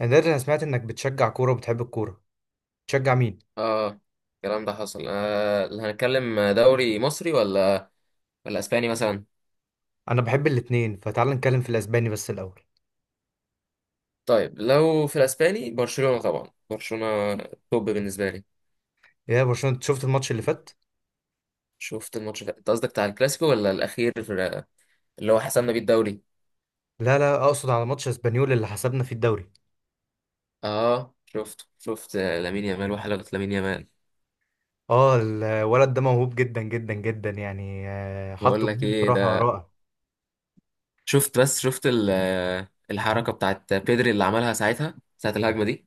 انا دلوقتي انا سمعت انك بتشجع كوره وبتحب الكوره. تشجع مين؟ اه. الكلام ده حصل اللي هنتكلم دوري مصري ولا اسباني مثلا؟ انا بحب الاتنين، فتعال نتكلم في الاسباني بس الاول. طيب، لو في الاسباني برشلونة، طبعا برشلونة توب بالنسبة لي. يا برشلونه، أنت شفت الماتش اللي فات؟ شفت الماتش ده؟ انت قصدك بتاع الكلاسيكو ولا الاخير اللي هو حسمنا بيه الدوري؟ لا لا، اقصد على ماتش اسبانيول اللي حسبنا فيه الدوري. اه، شفت شفت. لامين يامال وحلقة لامين يامال. اه الولد ده موهوب جدا جدا جدا يعني، حطه بقول لك جول ايه بصراحه ده. رائع. شفت بس، شفت الحركة بتاعت بيدري اللي عملها ساعتها ساعة الهجمة دي.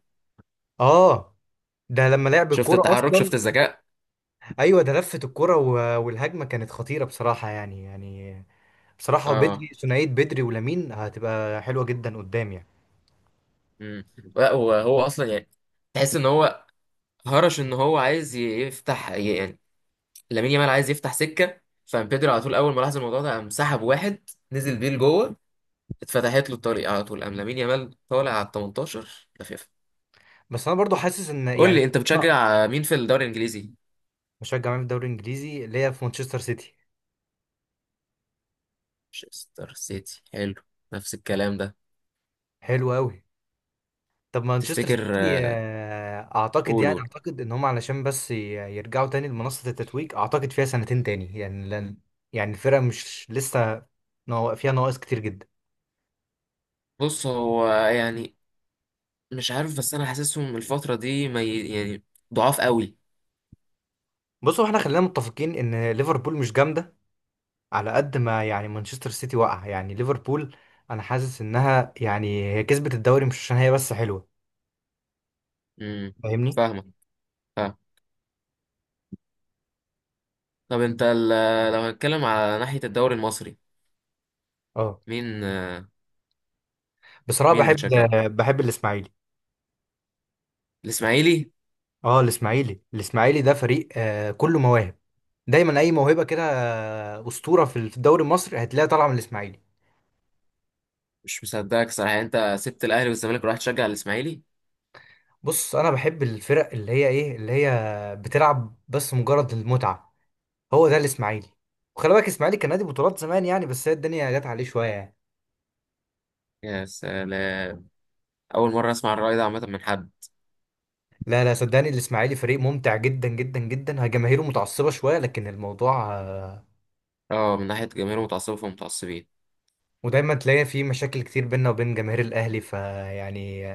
اه ده لما لعب شفت الكوره التحرك، شفت اصلا. الذكاء. ايوه، ده لفت الكوره والهجمه كانت خطيره بصراحه يعني. بصراحه بدري، اه. ثنائيه بدري ولامين هتبقى حلوه جدا قدام يعني. امم لا، وهو اصلا يعني، تحس ان هو هرش ان هو عايز يفتح يعني. لامين يامال عايز يفتح سكه. فبيدري على طول اول ما لاحظ الموضوع ده قام سحب واحد نزل بيه لجوه. اتفتحت له الطريق على طول، قام لامين يامال طالع على ال 18 لفيفا. بس انا برضو حاسس ان قول يعني. لي انت، بتشجع مين في الدوري الانجليزي؟ بشجع مين في الدوري الانجليزي؟ ليا في مانشستر سيتي. مانشستر سيتي حلو. نفس الكلام ده. حلو قوي. طب مانشستر تفتكر سيتي اعتقد قول يعني قول. اعتقد ان هم علشان بس يرجعوا تاني لمنصة التتويج، اعتقد فيها سنتين تاني يعني، لان يعني الفرقة مش لسه فيها نواقص كتير جدا. بص هو يعني مش عارف، بس انا حاسسهم الفتره دي ما يعني ضعاف قوي. بصوا احنا خلينا متفقين ان ليفربول مش جامدة على قد ما يعني مانشستر سيتي واقع. يعني ليفربول انا حاسس انها يعني هي كسبت الدوري مش عشان هي بس حلوة. امم فاهمني؟ فاهمك، فاهم. طب انت لو هنتكلم على ناحيه الدوري المصري. اه مين آه، بصراحة مين اللي بحب. بتشجعه؟ بحب الاسماعيلي. الاسماعيلي؟ اه الاسماعيلي، الاسماعيلي ده فريق كله مواهب. دايما اي موهبه كده اسطوره في الدوري المصري هتلاقيها طالعه من الاسماعيلي. مش مصدقك صراحه، يعني انت سبت الاهلي والزمالك ورحت تشجع الاسماعيلي؟ بص انا بحب الفرق اللي هي ايه اللي هي بتلعب بس مجرد المتعه. هو ده الاسماعيلي. وخلي بالك الاسماعيلي كان نادي بطولات زمان يعني، بس هي الدنيا جت عليه شويه يعني. يا سلام. اول مره اسمع الراي ده عامه من حد. لا لا، صدقني الاسماعيلي فريق ممتع جدا جدا جدا. هي جماهيره متعصبه شويه لكن الموضوع اه. من ناحيه جماهير متعصبه، فمتعصبين. ودايما تلاقي فيه مشاكل كتير بيننا وبين جماهير الاهلي، فيعني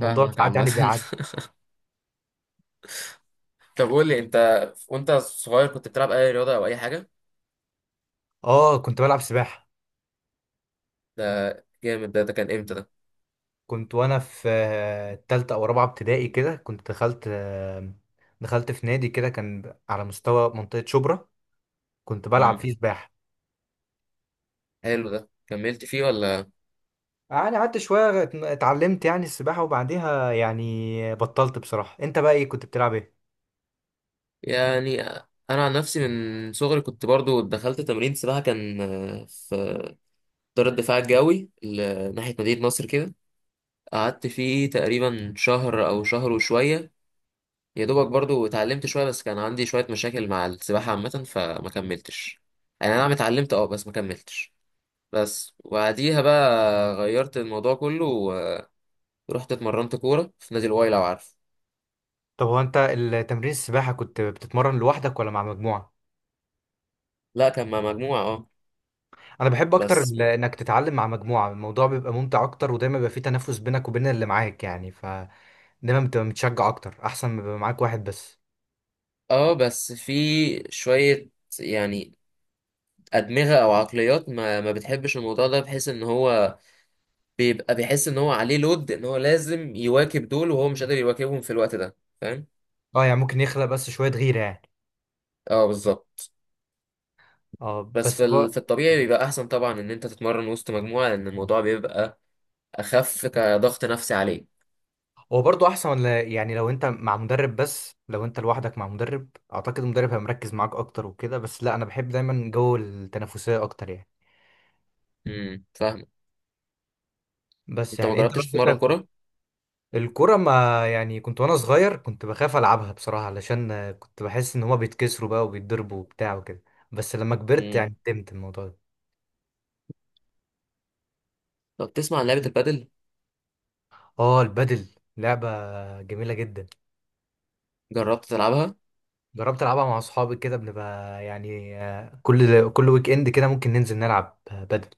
الموضوع فاهمك ساعات عامه. يعني بيعدي. طب قول لي انت، وانت صغير كنت بتلعب اي رياضه او اي حاجه؟ اه كنت بلعب سباحه. ده جامد. ده كان امتى ده؟ كنت وانا في تالتة او رابعة ابتدائي كده، كنت دخلت دخلت في نادي كده كان على مستوى منطقة شبرا، كنت بلعب مم. فيه سباحة. حلو ده، كملت فيه ولا؟ يعني قعدت شوية اتعلمت يعني السباحة وبعديها يعني بطلت بصراحة. انت بقى ايه كنت بتلعب ايه؟ يعني انا عن نفسي، من صغري كنت برضو دخلت تمرين سباحه، كان في دار الدفاع الجوي ناحيه مدينه نصر كده. قعدت فيه تقريبا شهر او شهر وشويه. يا دوبك برضو اتعلمت شويه، بس كان عندي شويه مشاكل مع السباحه عامه، فما كملتش. يعني انا نعم اتعلمت، اه، بس ما كملتش. بس وبعديها بقى غيرت الموضوع كله. ورحت اتمرنت كوره في نادي الواي، لو عارف. طب هو انت التمرين السباحة كنت بتتمرن لوحدك ولا مع مجموعة؟ لا، كان مع مجموعه، اه. انا بحب اكتر بس انك تتعلم مع مجموعة، الموضوع بيبقى ممتع اكتر ودايما بيبقى فيه تنافس بينك وبين اللي معاك يعني، فدايما بتبقى متشجع اكتر احسن ما يبقى معاك واحد بس. اه بس في شويه يعني، ادمغه او عقليات ما بتحبش الموضوع ده، بحيث ان هو بيبقى بيحس ان هو عليه لود، ان هو لازم يواكب دول وهو مش قادر يواكبهم في الوقت ده، فاهم؟ اه يعني ممكن يخلق بس شوية غيرة يعني. اه، بالظبط. اه بس بس هو. في الطبيعي بيبقى احسن طبعا ان انت تتمرن وسط مجموعه، لان الموضوع بيبقى اخف كضغط نفسي عليه. هو برضه أحسن، ولا يعني لو أنت مع مدرب، بس لو أنت لوحدك مع مدرب أعتقد المدرب هيبقى مركز معاك أكتر وكده، بس لا أنا بحب دايما جو التنافسية أكتر يعني. فاهم. بس انت ما يعني أنت جربتش تتمرن برضك. كوره؟ الكورة ما يعني كنت وأنا صغير كنت بخاف ألعبها بصراحة علشان كنت بحس إن هما بيتكسروا بقى وبيتضربوا وبتاع وكده. بس لما كبرت امم يعني فهمت الموضوع ده. طب تسمع عن لعبه البادل؟ اه البادل لعبة جميلة جدا. جربت تلعبها؟ جربت العبها مع اصحابي كده، بنبقى يعني كل ويك اند كده ممكن ننزل نلعب بدل.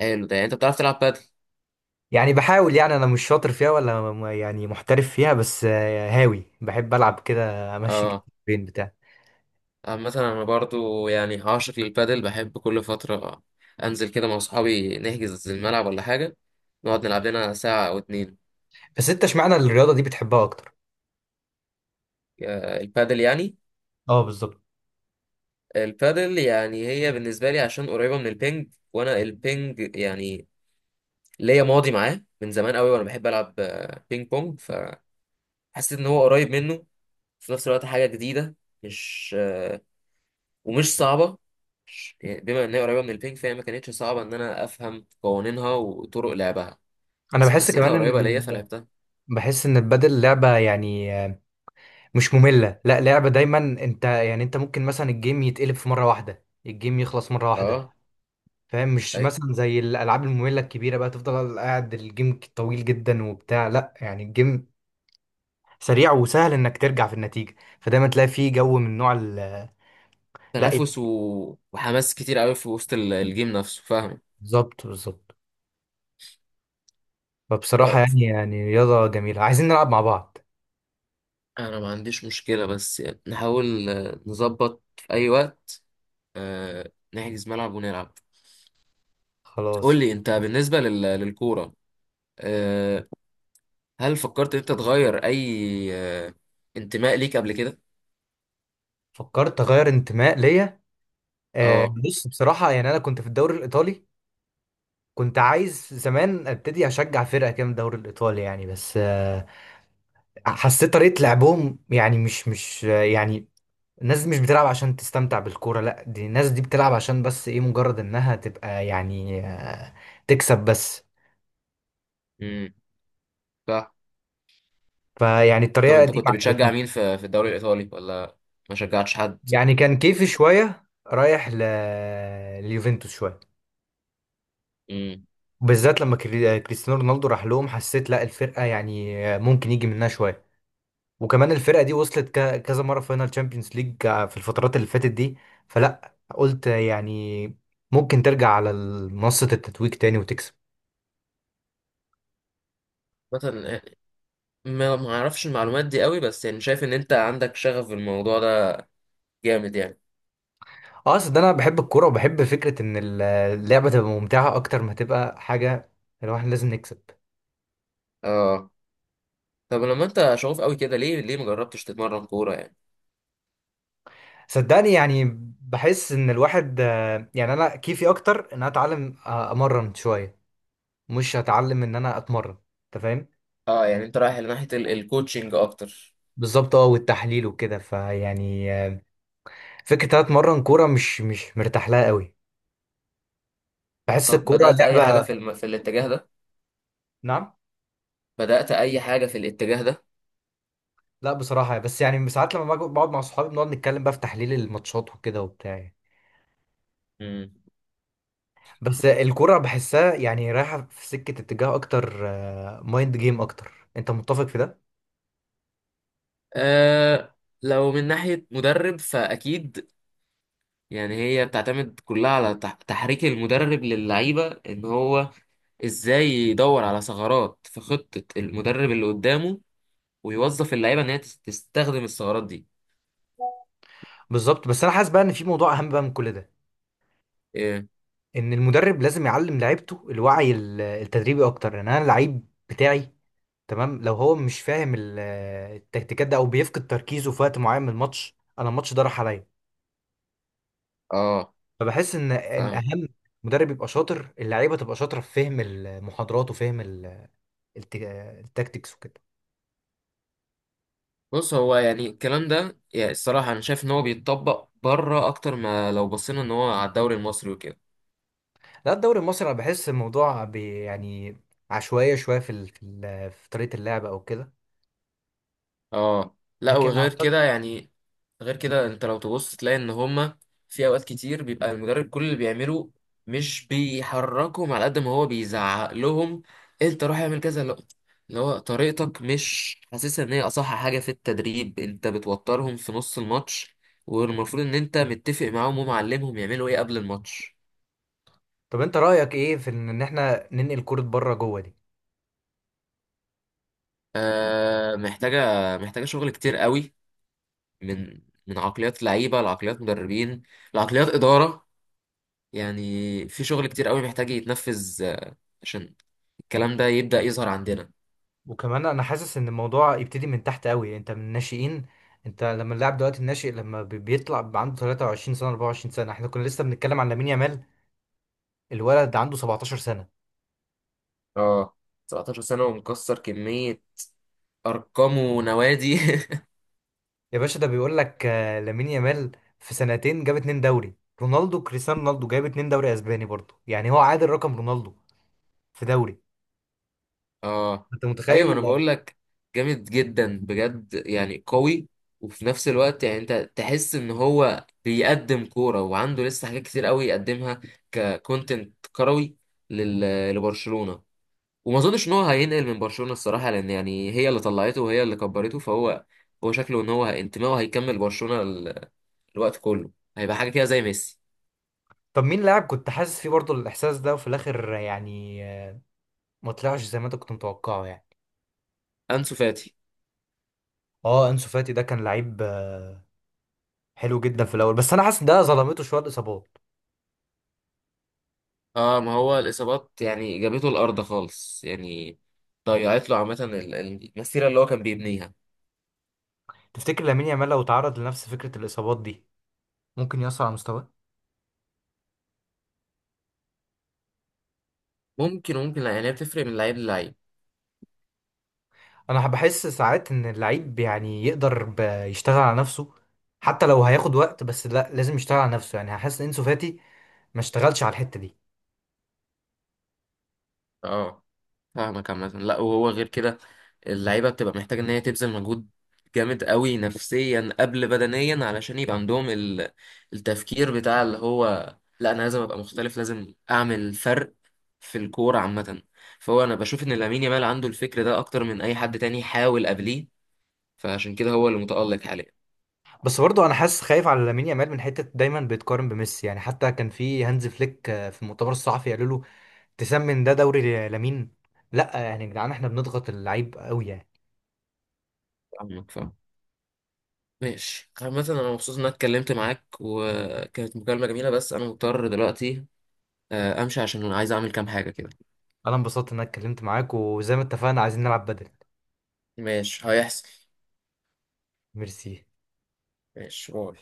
حلو ده، يعني انت بتعرف تلعب بادل؟ يعني بحاول، يعني انا مش شاطر فيها ولا يعني محترف فيها، بس هاوي بحب العب كده امشي اه. بين بتاع. مثلا انا برضو، يعني عاشق للبادل، بحب كل فتره انزل كده مع اصحابي نحجز الملعب ولا حاجه، نقعد نلعب لنا ساعه او اتنين. بس انت اشمعنى الرياضه دي بتحبها اكتر؟ البادل يعني. اه بالظبط. البادل يعني هي بالنسبة لي عشان قريبة من البينج، وأنا البينج يعني ليا ماضي معاه من زمان قوي، وأنا بحب ألعب بينج بونج. فحسيت إن هو قريب منه. في نفس الوقت حاجة جديدة. مش ومش صعبة. يعني بما إن هي قريبة من البينج فهي ما كانتش صعبة إن أنا أفهم قوانينها وطرق لعبها. انا بس بحس فحسيتها كمان ان قريبة ليا، فلعبتها. بحس ان البدل لعبه يعني مش ممله، لا لعبه دايما انت يعني انت ممكن مثلا الجيم يتقلب في مره واحده، الجيم يخلص مره واحده. أه. فاهم؟ مش أي. مثلا زي الالعاب الممله الكبيره بقى تفضل قاعد الجيم طويل جدا وبتاع، لا يعني الجيم سريع وسهل انك ترجع في النتيجه، فدايما تلاقي فيه جو من نوع ال. لا تنافس إيه. و... وحماس كتير قوي في وسط الجيم نفسه، فاهم؟ بالظبط بالظبط. فبصراحه يعني رياضه جميله، عايزين نلعب مع بعض. انا ما عنديش مشكلة، بس يعني نحاول نظبط في اي وقت نحجز ملعب ونلعب. خلاص. قول لي انت، بالنسبة للكورة، آه، هل فكرت انت تغير اي انتماء ليك قبل كده؟ فكرت اغير انتماء ليا. آه اه. بص بصراحه يعني انا كنت في الدوري الايطالي، كنت عايز زمان ابتدي اشجع فرقه كده من الدوري الايطالي يعني، بس آه حسيت طريقه لعبهم يعني مش يعني الناس دي مش بتلعب عشان تستمتع بالكورة، لا دي الناس دي بتلعب عشان بس ايه مجرد انها تبقى يعني تكسب بس. امم صح. فيعني طب الطريقة انت دي كنت ما بتشجع عجبتني. مين في الدوري الايطالي، ولا ما شجعتش حد؟ يعني كان كيفي شوية رايح لليوفنتوس شوية. امم بالذات لما كريستيانو رونالدو راح لهم، حسيت لا الفرقة يعني ممكن يجي منها شوية. وكمان الفرقة دي وصلت كذا مرة فاينال تشامبيونز ليج في الفترات اللي فاتت دي. فلا قلت يعني ممكن ترجع على منصة التتويج تاني وتكسب. مثلا ما اعرفش المعلومات دي قوي، بس يعني شايف ان انت عندك شغف في الموضوع ده، جامد يعني. اه اصل ده انا بحب الكوره وبحب فكره ان اللعبه تبقى ممتعه اكتر ما تبقى حاجه الواحد لازم نكسب. اه. طب لما انت شغوف قوي كده، ليه ما جربتش تتمرن كورة يعني؟ صدقني يعني بحس ان الواحد يعني انا كيفي اكتر ان انا اتعلم امرن شويه، مش هتعلم ان انا اتمرن. انت فاهم؟ اه، يعني انت رايح لناحية الكوتشنج اكتر. بالظبط اه والتحليل وكده فيعني فكره ان أنا اتمرن كوره مش مرتاح لها قوي. بحس طب الكوره بدأت اي حاجة لعبه. في الاتجاه ده؟ نعم. بدأت اي حاجة في الاتجاه ده؟ لا بصراحه، بس يعني ساعات لما بقعد مع صحابي بنقعد نتكلم بقى في تحليل الماتشات وكده وبتاع يعني. امم. بس الكرة بحسها يعني رايحة في سكة اتجاه أكتر. مايند جيم أكتر، أنت متفق في ده؟ أه. لو من ناحية مدرب فأكيد. يعني هي بتعتمد كلها على تحريك المدرب للعيبة، إن هو إزاي يدور على ثغرات في خطة المدرب اللي قدامه، ويوظف اللعيبة إن هي تستخدم الثغرات دي. بالظبط. بس أنا حاسس بقى إن في موضوع أهم بقى من كل ده. إيه؟ إن المدرب لازم يعلم لعيبته الوعي التدريبي أكتر. يعني أنا اللعيب بتاعي تمام، لو هو مش فاهم التكتيكات ده أو بيفقد تركيزه في وقت معين من الماتش أنا الماتش ده راح عليا. آه، فبحس إن فاهم. أهم مدرب يبقى شاطر، اللعيبة تبقى شاطرة في فهم المحاضرات وفهم الت- التكتيكس وكده. بص هو يعني، الكلام ده يعني الصراحة أنا شايف إن هو بيتطبق بره أكتر ما لو بصينا إن هو على الدوري المصري وكده. لا الدوري المصري انا بحس الموضوع بي يعني عشوائيه شويه في في طريقه اللعب او كده. اه، لا لكن وغير اعتقد. كده يعني. غير كده، أنت لو تبص تلاقي إن هما في أوقات كتير بيبقى المدرب كل اللي بيعمله مش بيحركهم على قد ما هو بيزعق لهم. أنت روح اعمل كذا. لا، اللي هو طريقتك مش حاسسها إن هي أصح حاجة في التدريب، أنت بتوترهم في نص الماتش. والمفروض إن أنت متفق معاهم ومعلمهم يعملوا إيه قبل الماتش. طب انت رايك ايه في ان احنا ننقل كره بره جوه دي؟ آه، محتاجة، محتاجة شغل كتير قوي. من من عقليات لعيبة لعقليات مدربين لعقليات إدارة. يعني في شغل كتير قوي محتاج يتنفذ، عشان الكلام ده يبدأ يظهر عندنا. وكمان انا حاسس ان الموضوع يبتدي من تحت قوي انت من الناشئين. انت لما اللاعب دلوقتي الناشئ لما بيطلع بيبقى عنده 23 سنه 24 سنه، احنا كنا لسه بنتكلم عن لامين يامال الولد عنده 17 سنه. اه. 17 سنة ومكسر كمية أرقام ونوادي. يا باشا ده بيقول لك لامين يامال في سنتين جاب اتنين دوري. رونالدو، كريستيانو رونالدو جايب اتنين دوري اسباني برضه، يعني هو عادل رقم رونالدو في دوري. اه، انت ايوه، انا متخيل؟ بقول لك. جامد جدا بجد يعني، قوي. وفي نفس الوقت يعني انت تحس ان هو بيقدم كوره وعنده لسه حاجات كتير قوي يقدمها ككونتنت كروي لبرشلونه. وما اظنش ان هو هينقل من برشلونه الصراحه، لان يعني هي اللي طلعته وهي اللي كبرته، فهو هو شكله ان هو انتمائه هيكمل برشلونه الوقت كله. هيبقى حاجه كده زي ميسي. طب مين لاعب كنت حاسس فيه برضه الاحساس ده وفي الاخر يعني ما طلعش زي ما انت كنت متوقعه يعني؟ انسو فاتي. اه انسو فاتي ده كان لعيب حلو جدا في الاول، بس انا حاسس ده ظلمته شويه الاصابات. اه، ما هو الاصابات يعني جابته الارض خالص يعني. ضيعت له عامه المسيره اللي هو كان بيبنيها. تفتكر لامين يامال لو تعرض لنفس فكره الاصابات دي ممكن يأثر على مستواه؟ ممكن، ممكن. لا، يعني هي بتفرق من لعيب للعيب. انا بحس ساعات ان اللعيب يعني يقدر يشتغل على نفسه، حتى لو هياخد وقت بس لا لازم يشتغل على نفسه. يعني حاسس ان انسو فاتي ما اشتغلش على الحته دي. اه، فاهمك عامه. لا، وهو غير كده. اللعيبه بتبقى محتاجه ان هي تبذل مجهود جامد قوي نفسيا قبل بدنيا، علشان يبقى عندهم التفكير بتاع اللي هو، لا، انا لازم ابقى مختلف، لازم اعمل فرق في الكوره عامه. فهو انا بشوف ان لامين يامال عنده الفكر ده اكتر من اي حد تاني حاول قبليه، فعشان كده هو اللي متألق حاليا. بس برضه انا حاسس خايف على لامين يامال من حته دايما بيتقارن بميسي، يعني حتى كان في هانز فليك في المؤتمر الصحفي قالوا له تسمن ده دوري لامين. لا يعني يا جدعان احنا بنضغط اللعيب قوي يعني. فاهمك، فاهم. ماشي عامة، أنا مبسوط إن أنا اتكلمت معاك وكانت مكالمة جميلة، بس أنا مضطر دلوقتي أمشي عشان عايز أعمل كام حاجة كده. انا انبسطت ان انا اتكلمت معاك وزي ما اتفقنا عايزين نلعب بدل. ماشي، هيحصل. ميرسي. ماشي، باي.